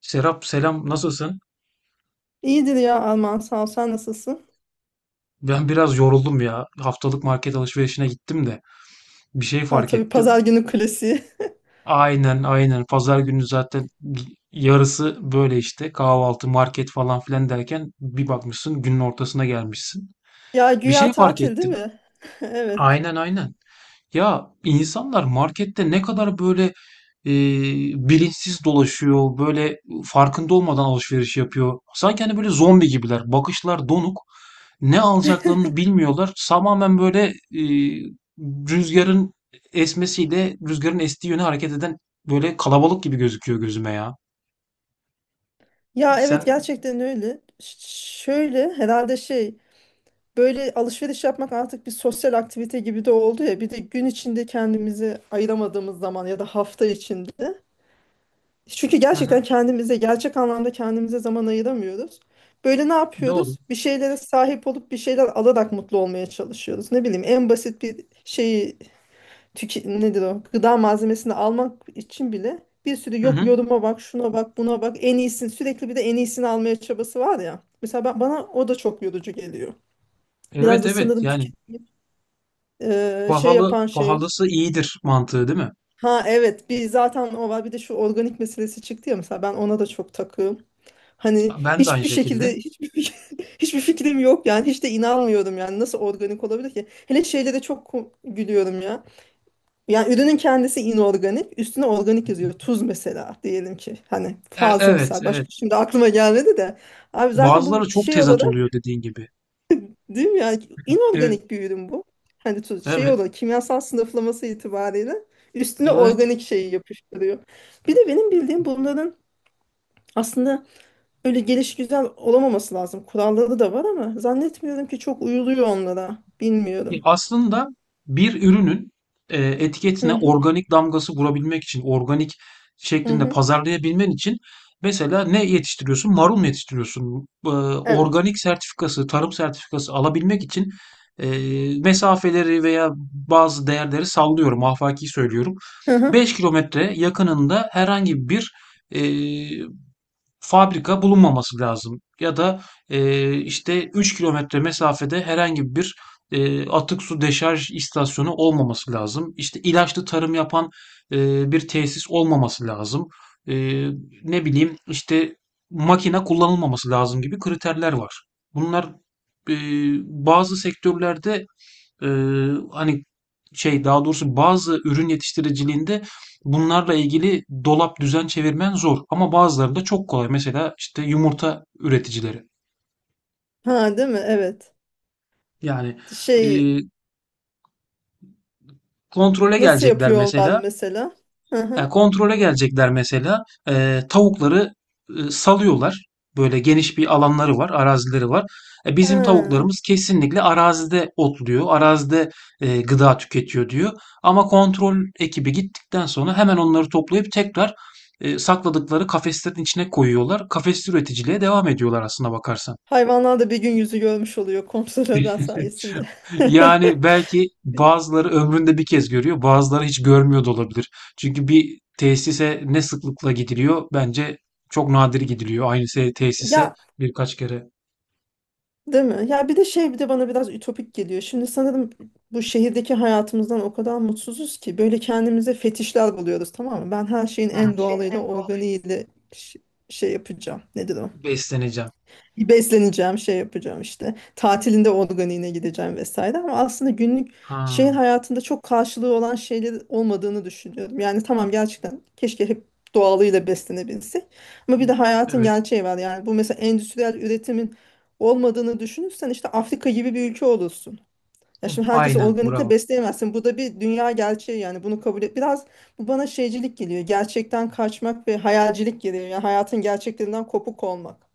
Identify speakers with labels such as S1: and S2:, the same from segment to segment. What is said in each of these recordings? S1: Serap, selam, nasılsın?
S2: İyidir ya Alman sağ ol. Sen nasılsın?
S1: Ben biraz yoruldum ya. Haftalık market alışverişine gittim de bir şey
S2: Ha,
S1: fark
S2: tabii pazar
S1: ettim.
S2: günü klasiği.
S1: Aynen aynen, pazar günü zaten yarısı böyle işte kahvaltı, market falan filan derken bir bakmışsın günün ortasına gelmişsin.
S2: Ya
S1: Bir
S2: güya
S1: şey fark
S2: tatil değil
S1: ettim.
S2: mi? Evet.
S1: Aynen aynen. Ya insanlar markette ne kadar böyle e, bilinçsiz dolaşıyor, böyle farkında olmadan alışveriş yapıyor. Sanki hani böyle zombi gibiler. Bakışlar donuk. Ne alacaklarını bilmiyorlar. Tamamen böyle e, rüzgarın esmesiyle rüzgarın estiği yöne hareket eden böyle kalabalık gibi gözüküyor gözüme ya.
S2: Ya evet
S1: Sen
S2: gerçekten öyle. Şöyle herhalde, böyle alışveriş yapmak artık bir sosyal aktivite gibi de oldu ya. Bir de gün içinde kendimizi ayıramadığımız zaman ya da hafta içinde. Çünkü
S1: Hı hı,
S2: gerçekten kendimize gerçek anlamda kendimize zaman ayıramıyoruz. Böyle ne
S1: doğru.
S2: yapıyoruz? Bir şeylere sahip olup bir şeyler alarak mutlu olmaya çalışıyoruz. Ne bileyim en basit bir şeyi tüke, nedir o? Gıda malzemesini almak için bile bir sürü
S1: Hı
S2: yok
S1: hı.
S2: yoruma bak, şuna bak, buna bak, en iyisini sürekli bir de en iyisini almaya çabası var ya. Mesela ben, bana o da çok yorucu geliyor. Biraz
S1: Evet
S2: da
S1: evet,
S2: sanırım
S1: yani
S2: tüke, şey
S1: pahalı
S2: yapan şey.
S1: pahalısı iyidir mantığı, değil mi?
S2: Ha evet, bir zaten o var, bir de şu organik meselesi çıktı ya, mesela ben ona da çok takığım. Hani
S1: Ben de aynı
S2: hiçbir
S1: şekilde.
S2: şekilde hiçbir fikrim yok yani, hiç de inanmıyorum yani, nasıl organik olabilir ki? Hele şeylere çok gülüyorum ya. Yani ürünün kendisi inorganik, üstüne organik yazıyor. Tuz mesela diyelim ki. Hani fazla
S1: Evet,
S2: misal. Başka
S1: evet.
S2: şimdi aklıma gelmedi de. Abi zaten bu
S1: Bazıları
S2: bir
S1: çok
S2: şey
S1: tezat
S2: olarak
S1: oluyor, dediğin gibi.
S2: değil mi yani,
S1: Evet.
S2: inorganik bir ürün bu. Hani tuz şey
S1: Evet.
S2: olarak kimyasal sınıflaması itibariyle üstüne
S1: Evet.
S2: organik şeyi yapıştırıyor. Bir de benim bildiğim bunların aslında öyle gelişigüzel olamaması lazım. Kuralları da var ama zannetmiyorum ki çok uyuluyor onlara.
S1: Ya
S2: Bilmiyorum.
S1: aslında bir ürünün
S2: Hı
S1: etiketine
S2: hı.
S1: organik damgası vurabilmek için, organik
S2: Hı
S1: şeklinde
S2: hı.
S1: pazarlayabilmen için mesela ne yetiştiriyorsun? Marul mu yetiştiriyorsun?
S2: Evet.
S1: Organik sertifikası, tarım sertifikası alabilmek için e, mesafeleri veya bazı değerleri sallıyorum, afaki söylüyorum.
S2: Hı hı.
S1: 5 kilometre yakınında herhangi bir e, fabrika bulunmaması lazım. Ya da işte 3 kilometre mesafede herhangi bir atık su deşarj istasyonu olmaması lazım. İşte ilaçlı tarım yapan bir tesis olmaması lazım. E, Ne bileyim işte makine kullanılmaması lazım gibi kriterler var. Bunlar e, bazı sektörlerde hani şey, daha doğrusu bazı ürün yetiştiriciliğinde bunlarla ilgili dolap düzen çevirmen zor, ama bazıları da çok kolay. Mesela işte yumurta üreticileri.
S2: Ha değil mi? Evet,
S1: Yani
S2: şey.
S1: eee, kontrole
S2: Nasıl
S1: gelecekler
S2: yapıyor onlar
S1: mesela.
S2: mesela? Hı
S1: Yani
S2: hı.
S1: kontrole gelecekler mesela. Tavukları salıyorlar. Böyle geniş bir alanları var, arazileri var. Bizim
S2: Ha.
S1: tavuklarımız kesinlikle arazide otluyor, arazide gıda tüketiyor, diyor. Ama kontrol ekibi gittikten sonra hemen onları toplayıp tekrar sakladıkları kafeslerin içine koyuyorlar. Kafes üreticiliğe devam ediyorlar aslına bakarsan.
S2: Hayvanlar da bir gün yüzü görmüş oluyor kontrolörler sayesinde.
S1: Yani belki bazıları ömründe bir kez görüyor, bazıları hiç görmüyor da olabilir. Çünkü bir tesise ne sıklıkla gidiliyor? Bence çok nadir gidiliyor, aynı tesise
S2: Ya
S1: birkaç kere.
S2: değil mi? Ya bir de şey, bir de bana biraz ütopik geliyor. Şimdi sanırım bu şehirdeki hayatımızdan o kadar mutsuzuz ki böyle kendimize fetişler buluyoruz, tamam mı? Ben her şeyin
S1: Hı.
S2: en doğalıyla, organiğiyle ş- şey yapacağım. Nedir o?
S1: Besleneceğim.
S2: Besleneceğim, şey yapacağım işte. Tatilinde organiğine gideceğim vesaire, ama aslında günlük şehir
S1: Ha.
S2: hayatında çok karşılığı olan şeyler olmadığını düşünüyorum. Yani tamam, gerçekten keşke hep doğalıyla beslenebilsek. Ama bir de hayatın
S1: Evet.
S2: gerçeği var. Yani bu mesela endüstriyel üretimin olmadığını düşünürsen işte Afrika gibi bir ülke olursun. Ya
S1: Hı.
S2: şimdi herkesi
S1: Aynen,
S2: organikle
S1: bravo.
S2: besleyemezsin. Bu da bir dünya gerçeği yani, bunu kabul et. Biraz bu bana şeycilik geliyor. Gerçekten kaçmak ve hayalcilik geliyor. Yani hayatın gerçeklerinden kopuk olmak.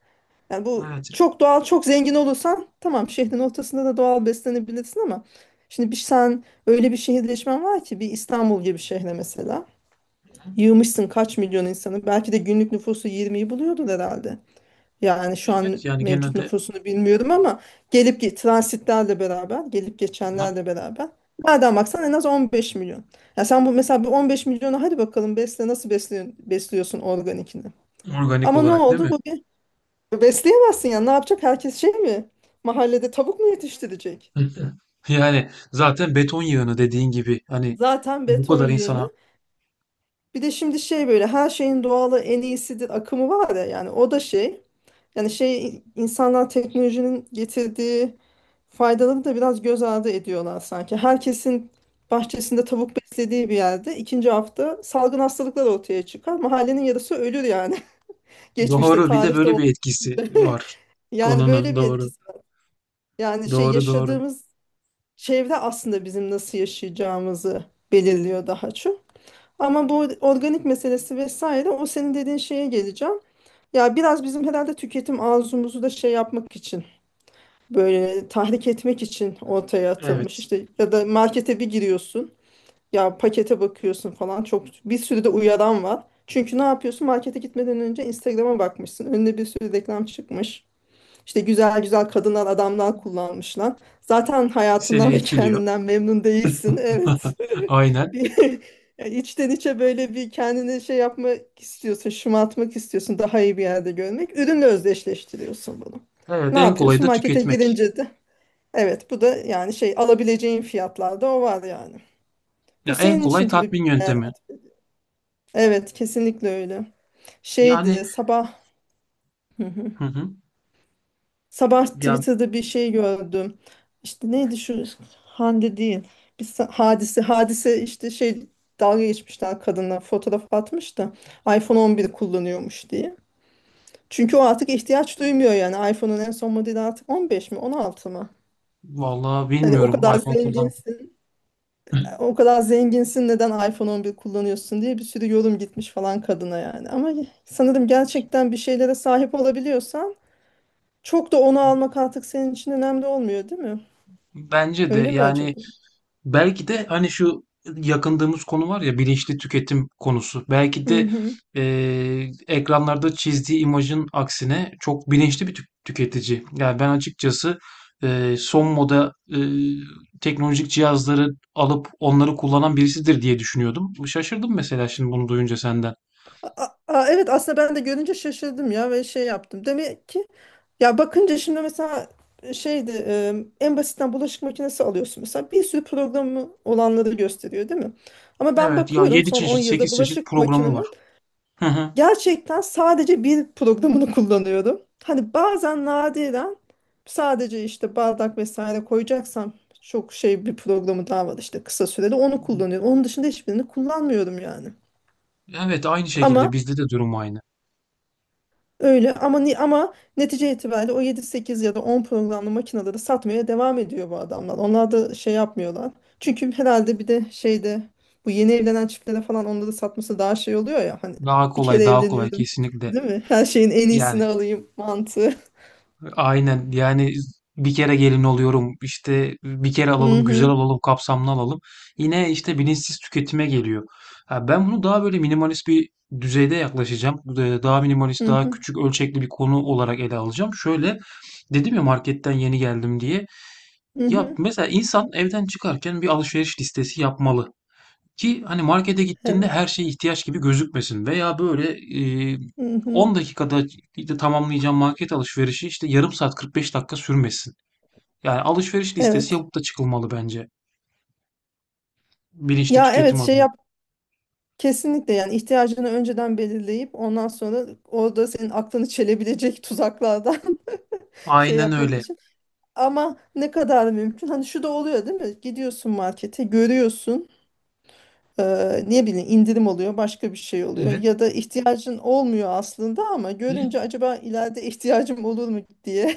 S2: Yani bu
S1: Evet.
S2: çok doğal, çok zengin olursan tamam, şehrin ortasında da doğal beslenebilirsin ama şimdi bir sen öyle bir şehirleşmen var ki, bir İstanbul gibi şehre mesela yığmışsın kaç milyon insanı, belki de günlük nüfusu 20'yi buluyordur herhalde. Yani şu an
S1: Evet yani
S2: mevcut
S1: genelde,
S2: nüfusunu bilmiyorum ama transitlerle beraber, gelip
S1: ha,
S2: geçenlerle beraber nereden baksan en az 15 milyon. Ya sen bu mesela bu 15 milyonu hadi bakalım besle, nasıl besliyorsun, besliyorsun organikini.
S1: organik
S2: Ama ne
S1: olarak değil
S2: oldu?
S1: mi?
S2: Bu, besleyemezsin ya. Ne yapacak? Herkes şey mi? Mahallede tavuk mu yetiştirecek?
S1: Hı hı. Yani zaten beton yığını dediğin gibi, hani
S2: Zaten
S1: bu
S2: beton
S1: kadar insana.
S2: yığını. Bir de şimdi şey, böyle her şeyin doğalı en iyisidir akımı var ya, yani o da şey. Yani şey, insanlar teknolojinin getirdiği faydaları da biraz göz ardı ediyorlar sanki. Herkesin bahçesinde tavuk beslediği bir yerde ikinci hafta salgın hastalıklar ortaya çıkar. Mahallenin yarısı ölür yani. Geçmişte,
S1: Doğru. Bir de
S2: tarihte
S1: böyle bir
S2: olduğu
S1: etkisi
S2: gibi.
S1: var
S2: Yani
S1: konunun.
S2: böyle bir
S1: Doğru.
S2: etkisi var. Yani şey,
S1: Doğru doğru.
S2: yaşadığımız çevre aslında bizim nasıl yaşayacağımızı belirliyor daha çok. Ama bu organik meselesi vesaire, o senin dediğin şeye geleceğim. Ya biraz bizim herhalde tüketim arzumuzu da şey yapmak için, böyle tahrik etmek için ortaya atılmış.
S1: Evet.
S2: İşte ya da markete bir giriyorsun, ya pakete bakıyorsun falan, çok bir sürü de uyaran var. Çünkü ne yapıyorsun, markete gitmeden önce Instagram'a bakmışsın. Önüne bir sürü reklam çıkmış. İşte güzel güzel kadından adamdan kullanmışlar. Zaten
S1: Seni
S2: hayatından ve
S1: etkiliyor.
S2: kendinden memnun değilsin. Evet.
S1: Aynen.
S2: Bir, yani içten içe böyle bir kendini şey yapmak istiyorsun, şımartmak istiyorsun, daha iyi bir yerde görmek. Ürünle özdeşleştiriyorsun bunu.
S1: Evet.
S2: Ne
S1: En kolayı
S2: yapıyorsun?
S1: da
S2: Markete
S1: tüketmek.
S2: girince de evet, bu da yani şey, alabileceğin fiyatlarda o var yani.
S1: Ya
S2: Bu
S1: en
S2: senin
S1: kolay
S2: için tabii bir
S1: tatmin
S2: değer.
S1: yöntemi.
S2: Evet, kesinlikle öyle.
S1: Yani,
S2: Şeydi sabah. Hı hı.
S1: hı hı.
S2: Sabah
S1: Ya
S2: Twitter'da bir şey gördüm. İşte neydi şu, Hande değil. Hadise işte şey, dalga geçmişler kadına, fotoğraf atmış da iPhone 11 kullanıyormuş diye. Çünkü o artık ihtiyaç duymuyor yani. iPhone'un en son modeli artık 15 mi, 16 mı?
S1: vallahi
S2: Hani o
S1: bilmiyorum
S2: kadar
S1: iPhone kullanmak.
S2: zenginsin, o kadar zenginsin, neden iPhone 11 kullanıyorsun diye bir sürü yorum gitmiş falan kadına yani. Ama sanırım gerçekten bir şeylere sahip olabiliyorsan çok da onu almak artık senin için önemli olmuyor, değil mi?
S1: Bence de,
S2: Öyle mi
S1: yani
S2: acaba?
S1: belki de hani şu yakındığımız konu var ya, bilinçli tüketim konusu. Belki
S2: Hı
S1: de
S2: hı.
S1: ekranlarda çizdiği imajın aksine çok bilinçli bir tüketici. Yani ben açıkçası son moda teknolojik cihazları alıp onları kullanan birisidir diye düşünüyordum. Şaşırdım mesela şimdi bunu duyunca senden.
S2: Evet, aslında ben de görünce şaşırdım ya, ve şey yaptım. Demek ki, ya bakınca şimdi mesela şeydi, en basitten bulaşık makinesi alıyorsun mesela, bir sürü programı olanları gösteriyor değil mi? Ama ben
S1: Evet ya,
S2: bakıyorum
S1: 7
S2: son 10
S1: çeşit
S2: yılda
S1: 8 çeşit
S2: bulaşık
S1: programı var.
S2: makinemin
S1: Hı hı.
S2: gerçekten sadece bir programını kullanıyorum. Hani bazen nadiren sadece işte bardak vesaire koyacaksam, çok şey, bir programı daha var işte kısa süreli, onu kullanıyorum. Onun dışında hiçbirini kullanmıyorum yani.
S1: Evet, aynı
S2: Ama
S1: şekilde bizde de durum aynı.
S2: öyle, ama ama netice itibariyle o yedi sekiz ya da 10 programlı makineleri satmaya devam ediyor bu adamlar. Onlar da şey yapmıyorlar. Çünkü herhalde bir de şeyde, bu yeni evlenen çiftlere falan onları satması daha şey oluyor ya, hani
S1: Daha
S2: bir kere
S1: kolay, daha kolay,
S2: evleniyorum
S1: kesinlikle.
S2: değil mi? Her şeyin en iyisini
S1: Yani
S2: alayım mantığı.
S1: aynen, yani bir kere gelin oluyorum, işte bir kere
S2: Hı
S1: alalım, güzel
S2: hı,
S1: alalım, kapsamlı alalım. Yine işte bilinçsiz tüketime geliyor. Ha, ben bunu daha böyle minimalist bir düzeyde yaklaşacağım. Daha minimalist,
S2: hı
S1: daha
S2: hı,
S1: küçük ölçekli bir konu olarak ele alacağım. Şöyle dedim ya, marketten yeni geldim diye.
S2: hı
S1: Ya
S2: hı.
S1: mesela insan evden çıkarken bir alışveriş listesi yapmalı. Ki hani markete gittiğinde
S2: Evet.
S1: her şey ihtiyaç gibi gözükmesin veya böyle,
S2: Hı hı.
S1: 10 dakikada işte tamamlayacağım market alışverişi işte yarım saat, 45 dakika sürmesin. Yani alışveriş listesi
S2: Evet.
S1: yapıp da çıkılmalı bence, bilinçli
S2: Ya evet,
S1: tüketim
S2: şey
S1: adına.
S2: yap, kesinlikle yani ihtiyacını önceden belirleyip ondan sonra orada senin aklını çelebilecek tuzaklardan şey
S1: Aynen
S2: yapmak
S1: öyle.
S2: için. Ama ne kadar mümkün? Hani şu da oluyor değil mi? Gidiyorsun markete, görüyorsun, ne bileyim indirim oluyor, başka bir şey oluyor.
S1: Evet.
S2: Ya da ihtiyacın olmuyor aslında ama görünce acaba ileride ihtiyacım olur mu diye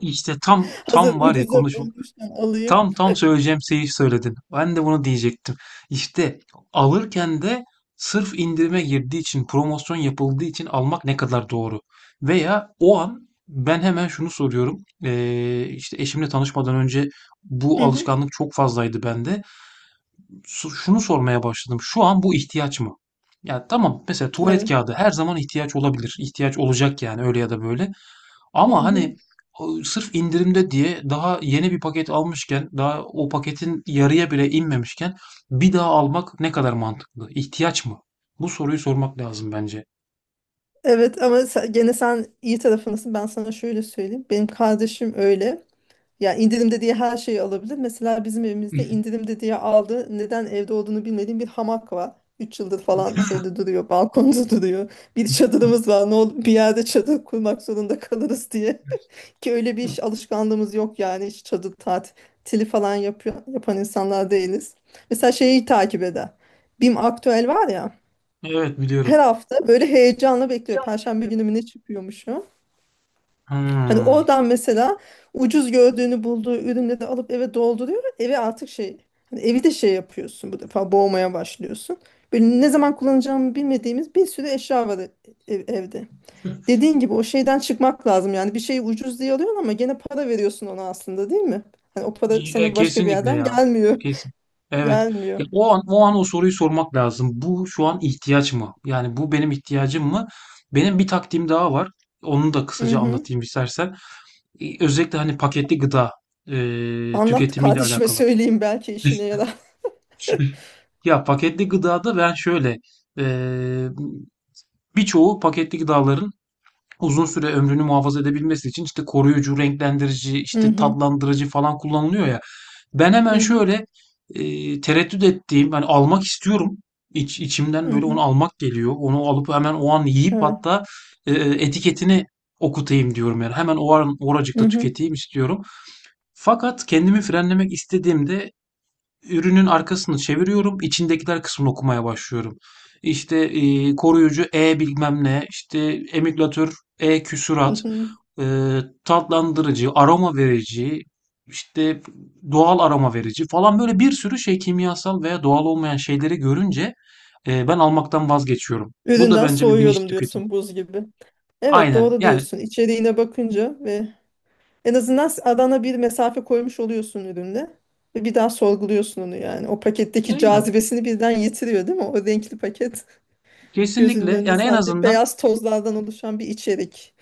S1: İşte tam
S2: hazır
S1: tam var ya,
S2: ucuza bulmuşken alayım.
S1: tam tam söyleyeceğim şeyi söyledin. Ben de bunu diyecektim. İşte alırken de sırf indirime girdiği için, promosyon yapıldığı için almak ne kadar doğru? Veya o an ben hemen şunu soruyorum. İşte eşimle tanışmadan önce bu
S2: Hı hı,
S1: alışkanlık çok fazlaydı bende. Şunu sormaya başladım. Şu an bu ihtiyaç mı? Ya tamam, mesela tuvalet
S2: evet.
S1: kağıdı her zaman ihtiyaç olabilir. İhtiyaç olacak yani, öyle ya da böyle.
S2: Hı
S1: Ama
S2: hı.
S1: hani o sırf indirimde diye daha yeni bir paket almışken, daha o paketin yarıya bile inmemişken bir daha almak ne kadar mantıklı? İhtiyaç mı? Bu soruyu sormak lazım bence.
S2: Evet ama gene sen iyi tarafındasın. Ben sana şöyle söyleyeyim. Benim kardeşim öyle. Ya indirimde diye her şeyi alabilir. Mesela bizim evimizde indirimde diye aldı. Neden evde olduğunu bilmediğim bir hamak var. 3 yıldır falan şeyde duruyor, balkonda duruyor. Bir çadırımız var. Ne olur bir yerde çadır kurmak zorunda kalırız diye. Ki öyle bir iş alışkanlığımız yok yani. Hiç çadır tatili falan yapıyor, yapan insanlar değiliz. Mesela şeyi takip eder. BİM Aktüel var ya.
S1: Evet biliyorum.
S2: Her hafta böyle heyecanla bekliyor. Perşembe günü mü ne çıkıyormuşu? Hani
S1: Hmm.
S2: oradan mesela ucuz gördüğünü bulduğu ürünleri alıp eve dolduruyor. Eve artık şey, hani evi de şey yapıyorsun bu defa, boğmaya başlıyorsun. Böyle ne zaman kullanacağımı bilmediğimiz bir sürü eşya var evde. Dediğin gibi o şeyden çıkmak lazım. Yani bir şeyi ucuz diye alıyorsun ama gene para veriyorsun ona aslında, değil mi? Hani o para
S1: İyi,
S2: sana başka bir
S1: kesinlikle
S2: yerden
S1: ya.
S2: gelmiyor.
S1: Kesin. Evet. Ya
S2: Gelmiyor.
S1: o an, o an o soruyu sormak lazım. Bu şu an ihtiyaç mı? Yani bu benim ihtiyacım mı? Benim bir taktiğim daha var. Onu da
S2: Hı
S1: kısaca
S2: hı.
S1: anlatayım istersen. Özellikle hani paketli gıda e,
S2: Anlat
S1: tüketimiyle
S2: kardeşime
S1: alakalı.
S2: söyleyeyim belki işine yarar.
S1: Ya paketli gıdada ben şöyle e, birçoğu paketli gıdaların uzun süre ömrünü muhafaza edebilmesi için işte koruyucu, renklendirici,
S2: Hı
S1: işte
S2: hı.
S1: tatlandırıcı falan kullanılıyor ya. Ben hemen
S2: Hı hı.
S1: şöyle tereddüt ettiğim, hani almak istiyorum. İç, içimden
S2: Hı
S1: böyle onu
S2: hı.
S1: almak geliyor. Onu alıp hemen o an yiyip,
S2: Evet.
S1: hatta etiketini okutayım diyorum yani. Hemen o an
S2: Hı
S1: oracıkta
S2: hı.
S1: tüketeyim istiyorum. Fakat kendimi frenlemek istediğimde ürünün arkasını çeviriyorum, içindekiler kısmını okumaya başlıyorum. İşte, koruyucu E bilmem ne, işte emülgatör E
S2: Hı
S1: küsurat,
S2: hı.
S1: tatlandırıcı, aroma verici, işte doğal aroma verici falan, böyle bir sürü şey, kimyasal veya doğal olmayan şeyleri görünce, ben almaktan vazgeçiyorum. Bu da
S2: Üründen
S1: bence bir bilinçli
S2: soğuyorum
S1: tüketim.
S2: diyorsun, buz gibi. Evet,
S1: Aynen,
S2: doğru
S1: yani
S2: diyorsun. İçeriğine bakınca ve en azından arana bir mesafe koymuş oluyorsun ürünle. Ve bir daha sorguluyorsun onu yani. O paketteki
S1: aynen.
S2: cazibesini birden yitiriyor değil mi? O renkli paket gözünün
S1: Kesinlikle.
S2: önünde
S1: Yani en
S2: sadece
S1: azından.
S2: beyaz tozlardan oluşan bir içerik.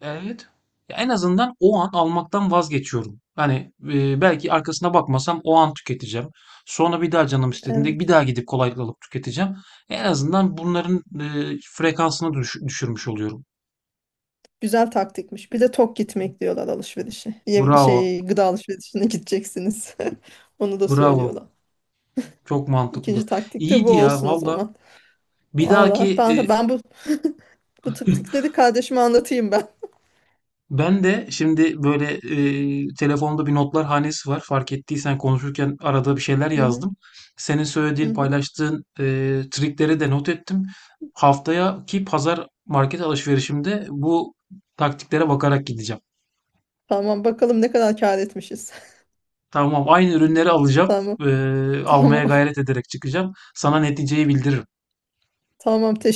S1: Evet. Ya en azından o an almaktan vazgeçiyorum. Hani belki arkasına bakmasam o an tüketeceğim. Sonra bir daha canım istediğinde bir
S2: Evet.
S1: daha gidip kolaylıkla alıp tüketeceğim. En azından bunların frekansını düşürmüş oluyorum.
S2: Güzel taktikmiş. Bir de tok gitmek diyorlar alışverişe. Yem
S1: Bravo.
S2: şey, gıda alışverişine gideceksiniz. Onu da
S1: Bravo.
S2: söylüyorlar.
S1: Çok mantıklı.
S2: İkinci taktik de bu
S1: İyiydi ya
S2: olsun o
S1: valla.
S2: zaman.
S1: Bir
S2: Allah,
S1: dahaki.
S2: ben de ben bu bu tık tıkları kardeşime anlatayım ben.
S1: Ben de şimdi böyle telefonda bir notlar hanesi var. Fark ettiysen konuşurken arada bir şeyler
S2: Hı hı,
S1: yazdım. Senin
S2: hı
S1: söylediğin,
S2: hı.
S1: paylaştığın trikleri de not ettim. Haftayaki pazar market alışverişimde bu taktiklere bakarak gideceğim.
S2: Tamam bakalım ne kadar kâr etmişiz.
S1: Tamam, aynı ürünleri alacağım.
S2: Tamam.
S1: E,
S2: Tamam.
S1: Almaya gayret ederek çıkacağım. Sana neticeyi bildiririm.
S2: Tamam.